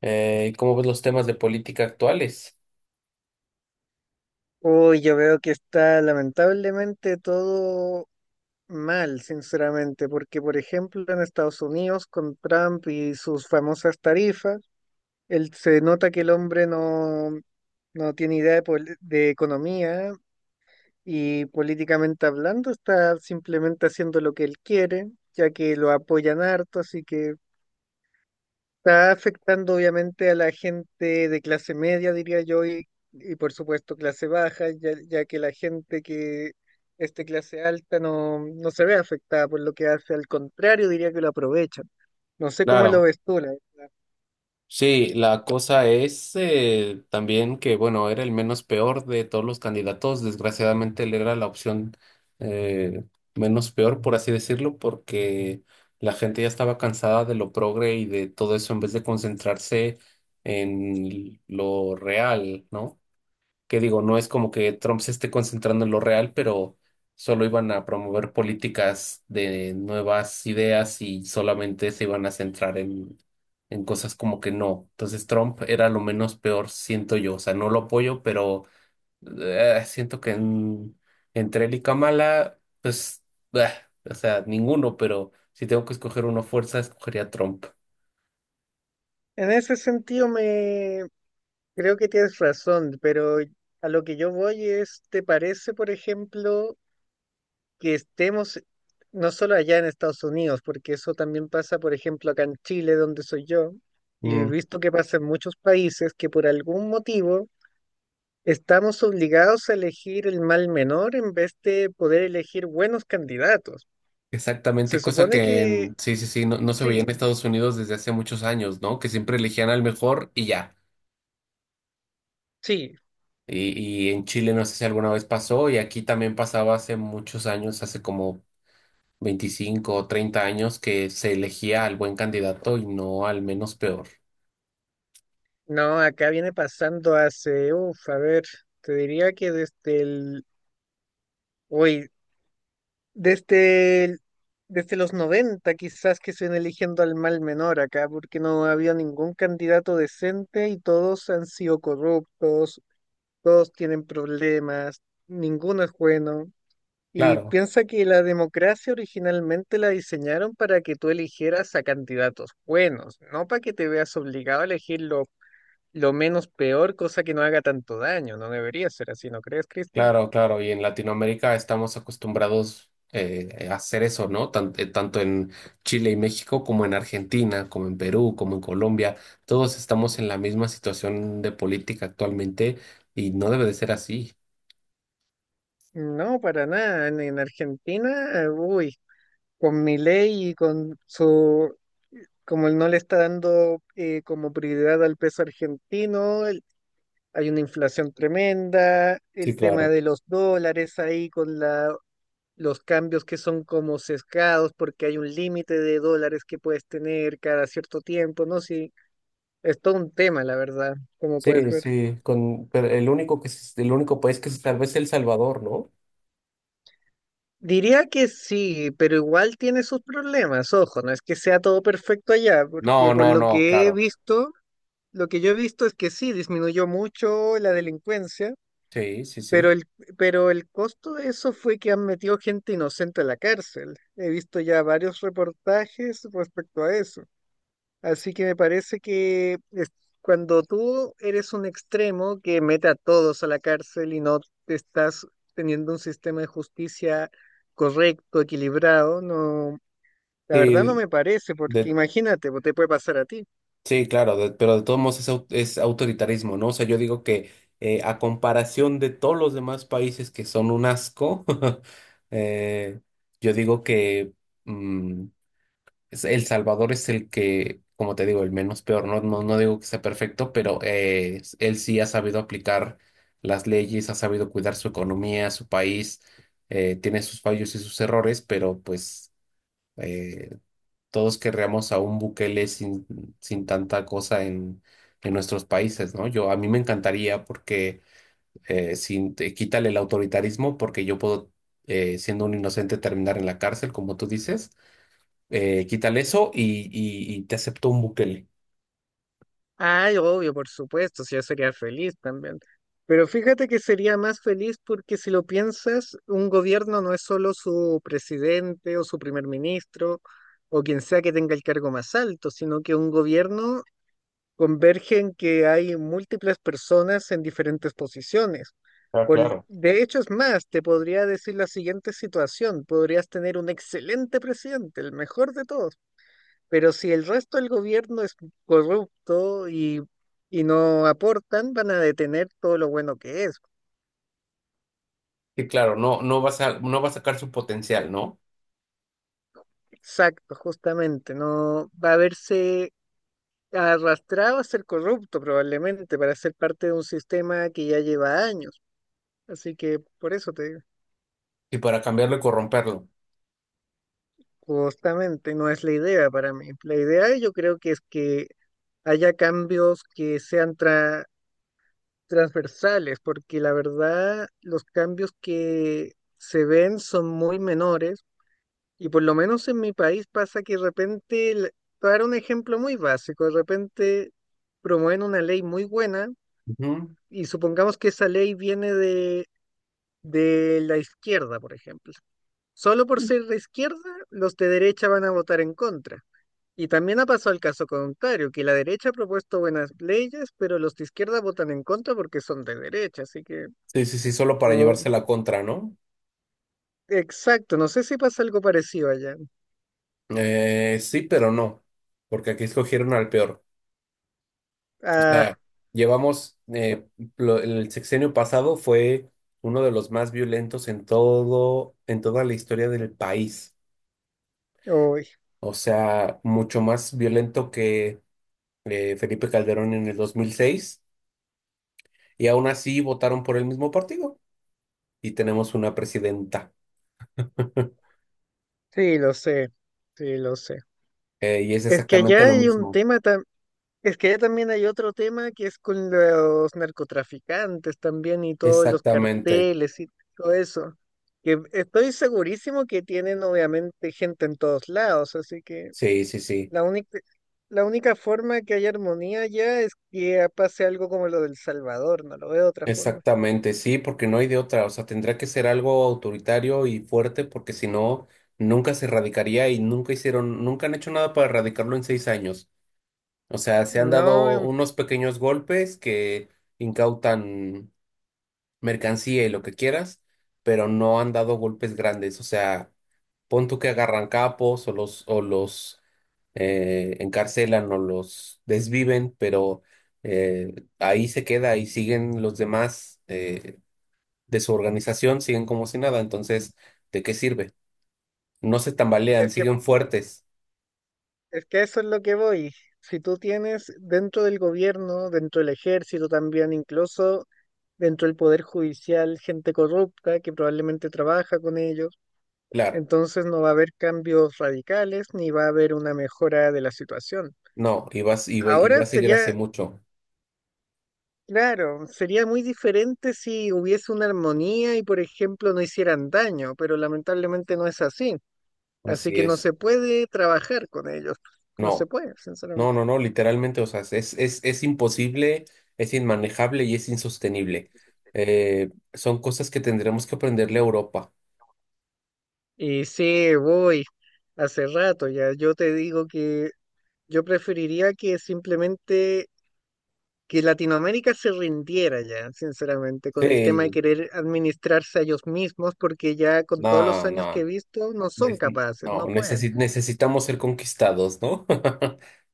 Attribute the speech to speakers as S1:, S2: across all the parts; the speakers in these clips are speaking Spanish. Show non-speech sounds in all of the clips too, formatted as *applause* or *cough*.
S1: ¿Cómo ves los temas de política actuales?
S2: Uy, yo veo que está lamentablemente todo mal, sinceramente, porque por ejemplo en Estados Unidos con Trump y sus famosas tarifas, él, se nota que el hombre no tiene idea de, de economía y políticamente hablando está simplemente haciendo lo que él quiere, ya que lo apoyan harto, así que... Está afectando obviamente a la gente de clase media, diría yo, y por supuesto clase baja, ya, ya que la gente que es de clase alta no se ve afectada por lo que hace, al contrario, diría que lo aprovechan. No sé cómo lo
S1: Claro,
S2: ves tú,
S1: sí, la cosa es también que, bueno, era el menos peor de todos los candidatos. Desgraciadamente, él era la opción eh, menos peor, por así decirlo, porque la gente ya estaba cansada de lo progre y de todo eso en vez de concentrarse en lo real, ¿no? Que digo, no es como que Trump se esté concentrando en lo real, pero solo iban a promover políticas de nuevas ideas y solamente se iban a centrar en cosas como que no. Entonces Trump era lo menos peor, siento yo. O sea, no lo apoyo, pero siento que entre él y Kamala, pues, bah, o sea, ninguno, pero si tengo que escoger uno a fuerza, escogería a Trump.
S2: En ese sentido, me creo que tienes razón, pero a lo que yo voy es, ¿te parece, por ejemplo, que estemos no solo allá en Estados Unidos, porque eso también pasa, por ejemplo, acá en Chile, donde soy yo, y he visto que pasa en muchos países que por algún motivo estamos obligados a elegir el mal menor en vez de poder elegir buenos candidatos? Se
S1: Exactamente, cosa
S2: supone
S1: que
S2: que
S1: sí, sí, sí, no, no se veía
S2: sí,
S1: en Estados Unidos desde hace muchos años, ¿no? Que siempre elegían al mejor y ya.
S2: sí,
S1: Y en Chile no sé si alguna vez pasó, y aquí también pasaba hace muchos años, hace como 25 o 30 años, que se elegía al buen candidato y no al menos peor.
S2: no, acá viene pasando hace, uff, a ver, te diría que desde el, hoy, Desde, el- desde los 90 quizás que se ven eligiendo al mal menor acá, porque no había ningún candidato decente y todos han sido corruptos, todos tienen problemas, ninguno es bueno. Y
S1: Claro.
S2: piensa que la democracia originalmente la diseñaron para que tú eligieras a candidatos buenos, no para que te veas obligado a elegir lo menos peor, cosa que no haga tanto daño. No debería ser así, ¿no crees, Cristian?
S1: Claro, claro, y en Latinoamérica estamos acostumbrados a hacer eso, ¿no? Tanto en Chile y México como en Argentina, como en Perú, como en Colombia, todos estamos en la misma situación de política actualmente y no debe de ser así.
S2: No, para nada. En Argentina, uy, con mi ley y con su, como él no le está dando como prioridad al peso argentino, hay una inflación tremenda,
S1: Sí,
S2: el tema
S1: claro.
S2: de los dólares ahí con la, los cambios que son como sesgados porque hay un límite de dólares que puedes tener cada cierto tiempo, ¿no? Sí, es todo un tema, la verdad, como puedes
S1: Sí,
S2: ver.
S1: sí, con, pero el único el único país que se salva es El Salvador, ¿no?
S2: Diría que sí, pero igual tiene sus problemas, ojo, no es que sea todo perfecto allá, porque
S1: No,
S2: por
S1: no,
S2: lo
S1: no,
S2: que he
S1: claro.
S2: visto, lo que yo he visto es que sí, disminuyó mucho la delincuencia,
S1: Sí, sí,
S2: pero
S1: sí.
S2: el, pero el costo de eso fue que han metido gente inocente a la cárcel. He visto ya varios reportajes respecto a eso. Así que me parece que cuando tú eres un extremo que mete a todos a la cárcel y no te estás teniendo un sistema de justicia correcto, equilibrado, no, la verdad no
S1: Sí,
S2: me parece, porque
S1: de,
S2: imagínate, te puede pasar a ti.
S1: sí, claro, pero de todos modos es, es autoritarismo, ¿no? O sea, yo digo que a comparación de todos los demás países que son un asco, *laughs* eh, yo digo que mm, El Salvador es el que, como te digo, el menos peor. No, no, no digo que sea perfecto, pero él sí ha sabido aplicar las leyes, ha sabido cuidar su economía, su país, tiene sus fallos y sus errores, pero pues... eh, todos querríamos a un Bukele sin, sin tanta cosa en nuestros países, ¿no? Yo, a mí me encantaría porque sin, quítale el autoritarismo porque yo puedo, siendo un inocente, terminar en la cárcel, como tú dices. Quítale eso y te acepto un Bukele.
S2: Ay, obvio, por supuesto, si yo sería feliz también. Pero fíjate que sería más feliz porque si lo piensas, un gobierno no es solo su presidente o su primer ministro o quien sea que tenga el cargo más alto, sino que un gobierno converge en que hay múltiples personas en diferentes posiciones.
S1: Ah, claro.
S2: De hecho, es más, te podría decir la siguiente situación. Podrías tener un excelente presidente, el mejor de todos, pero si el resto del gobierno es corrupto y no aportan, van a detener todo lo bueno que es.
S1: Y claro, no, no vas a, no va a sacar su potencial, ¿no?
S2: Exacto, justamente. No va a verse arrastrado a ser corrupto probablemente para ser parte de un sistema que ya lleva años. Así que por eso te digo,
S1: Y para cambiarlo y corromperlo.
S2: justamente no es la idea para mí. La idea yo creo que es que haya cambios que sean transversales, porque la verdad los cambios que se ven son muy menores y por lo menos en mi país pasa que de repente, para un ejemplo muy básico, de repente promueven una ley muy buena
S1: Ujú.
S2: y supongamos que esa ley viene de la izquierda, por ejemplo. Solo por ser de izquierda, los de derecha van a votar en contra. Y también ha pasado el caso contrario, que la derecha ha propuesto buenas leyes, pero los de izquierda votan en contra porque son de derecha. Así que
S1: Sí, sí, sí, solo para llevarse
S2: como
S1: la contra, ¿no?
S2: exacto, no sé si pasa algo parecido allá.
S1: Sí, pero no, porque aquí escogieron al peor.
S2: Ah,
S1: Sea, llevamos, el sexenio pasado fue uno de los más violentos en todo, en toda la historia del país.
S2: uy,
S1: O sea, mucho más violento que Felipe Calderón en el 2006. Y aún así votaron por el mismo partido y tenemos una presidenta. *laughs*
S2: sí, lo sé, sí, lo sé.
S1: Y es
S2: Es que
S1: exactamente
S2: allá
S1: lo
S2: hay un
S1: mismo.
S2: tema, es que allá también hay otro tema que es con los narcotraficantes también y todos los
S1: Exactamente.
S2: carteles y todo eso. Que estoy segurísimo que tienen obviamente gente en todos lados, así que
S1: Sí, sí, sí.
S2: la única, la única forma que haya armonía allá es que pase algo como lo del Salvador, no lo veo de otra forma.
S1: Exactamente, sí, porque no hay de otra, o sea, tendrá que ser algo autoritario y fuerte porque si no, nunca se erradicaría y nunca hicieron, nunca han hecho nada para erradicarlo en 6 años. O sea, se han
S2: No,
S1: dado unos pequeños golpes que incautan mercancía y lo que quieras, pero no han dado golpes grandes. O sea, pon tú que agarran capos o los encarcelan o los desviven, pero eh, ahí se queda y siguen los demás. De su organización siguen como si nada, entonces, ¿de qué sirve? No se tambalean,
S2: es que
S1: siguen fuertes.
S2: es que eso es lo que voy. Si tú tienes dentro del gobierno, dentro del ejército también, incluso dentro del poder judicial, gente corrupta que probablemente trabaja con ellos,
S1: Claro,
S2: entonces no va a haber cambios radicales ni va a haber una mejora de la situación.
S1: no, y vas, y va
S2: Ahora
S1: a seguir hace
S2: sería,
S1: mucho.
S2: claro, sería muy diferente si hubiese una armonía y, por ejemplo, no hicieran daño, pero lamentablemente no es así. Así
S1: Así
S2: que no
S1: es.
S2: se puede trabajar con ellos. No se
S1: No,
S2: puede,
S1: no,
S2: sinceramente.
S1: no, no, literalmente, o sea, es imposible, es inmanejable y es insostenible. Son cosas que tendremos que aprenderle a Europa.
S2: Y sí, voy. Hace rato ya. Yo te digo que yo preferiría que simplemente que Latinoamérica se rindiera ya, sinceramente, con el tema de
S1: Sí,
S2: querer administrarse a ellos mismos, porque ya con todos los
S1: no,
S2: años que he
S1: no,
S2: visto no son
S1: es-
S2: capaces,
S1: no,
S2: no pueden.
S1: necesitamos ser conquistados, ¿no? *laughs*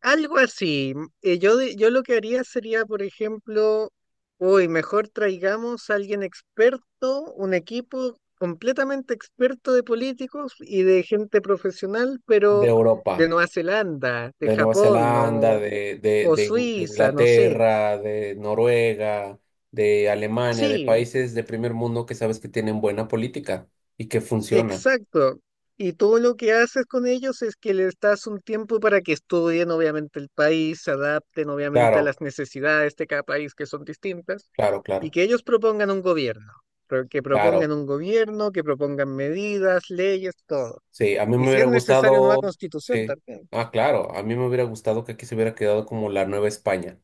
S2: Algo así. Yo lo que haría sería, por ejemplo, hoy mejor traigamos a alguien experto, un equipo completamente experto de políticos y de gente profesional,
S1: De
S2: pero de
S1: Europa.
S2: Nueva Zelanda, de
S1: De Nueva
S2: Japón,
S1: Zelanda,
S2: o
S1: de
S2: Suiza, no sé.
S1: Inglaterra, de Noruega, de Alemania, de
S2: Sí,
S1: países de primer mundo que sabes que tienen buena política y que funciona.
S2: exacto. Y todo lo que haces con ellos es que les das un tiempo para que estudien, obviamente, el país, se adapten, obviamente, a
S1: Claro,
S2: las necesidades de cada país que son distintas,
S1: claro,
S2: y
S1: claro,
S2: que ellos propongan un gobierno, que
S1: claro.
S2: propongan un gobierno, que propongan medidas, leyes, todo.
S1: Sí, a mí
S2: Y
S1: me
S2: si es
S1: hubiera
S2: necesario, nueva
S1: gustado,
S2: constitución
S1: sí,
S2: también.
S1: ah, claro, a mí me hubiera gustado que aquí se hubiera quedado como la Nueva España.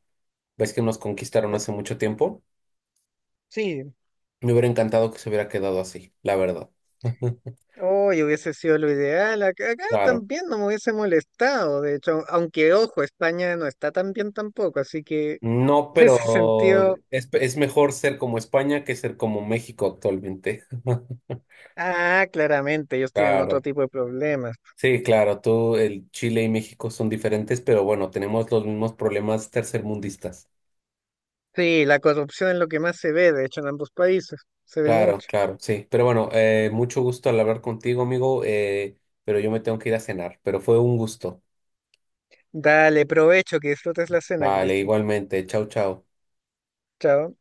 S1: ¿Ves que nos conquistaron
S2: Eh,
S1: hace mucho tiempo?
S2: Sí,
S1: Me hubiera encantado que se hubiera quedado así, la verdad. *laughs*
S2: hoy hubiese sido lo ideal. Acá, acá
S1: Claro.
S2: también no me hubiese molestado, de hecho, aunque ojo, España no está tan bien tampoco, así que
S1: No,
S2: *laughs* en ese
S1: pero
S2: sentido
S1: es mejor ser como España que ser como México actualmente. *laughs*
S2: ah, claramente, ellos tienen otro
S1: Claro.
S2: tipo de problemas.
S1: Sí, claro, tú, el Chile y México son diferentes, pero bueno, tenemos los mismos problemas tercermundistas.
S2: Sí, la corrupción es lo que más se ve, de hecho, en ambos países. Se ve
S1: Claro,
S2: mucho.
S1: claro, sí. Pero bueno, mucho gusto al hablar contigo, amigo, pero yo me tengo que ir a cenar, pero fue un gusto.
S2: Dale, provecho, que disfrutes la cena,
S1: Vale,
S2: Cristian.
S1: igualmente. Chau, chau.
S2: Chao.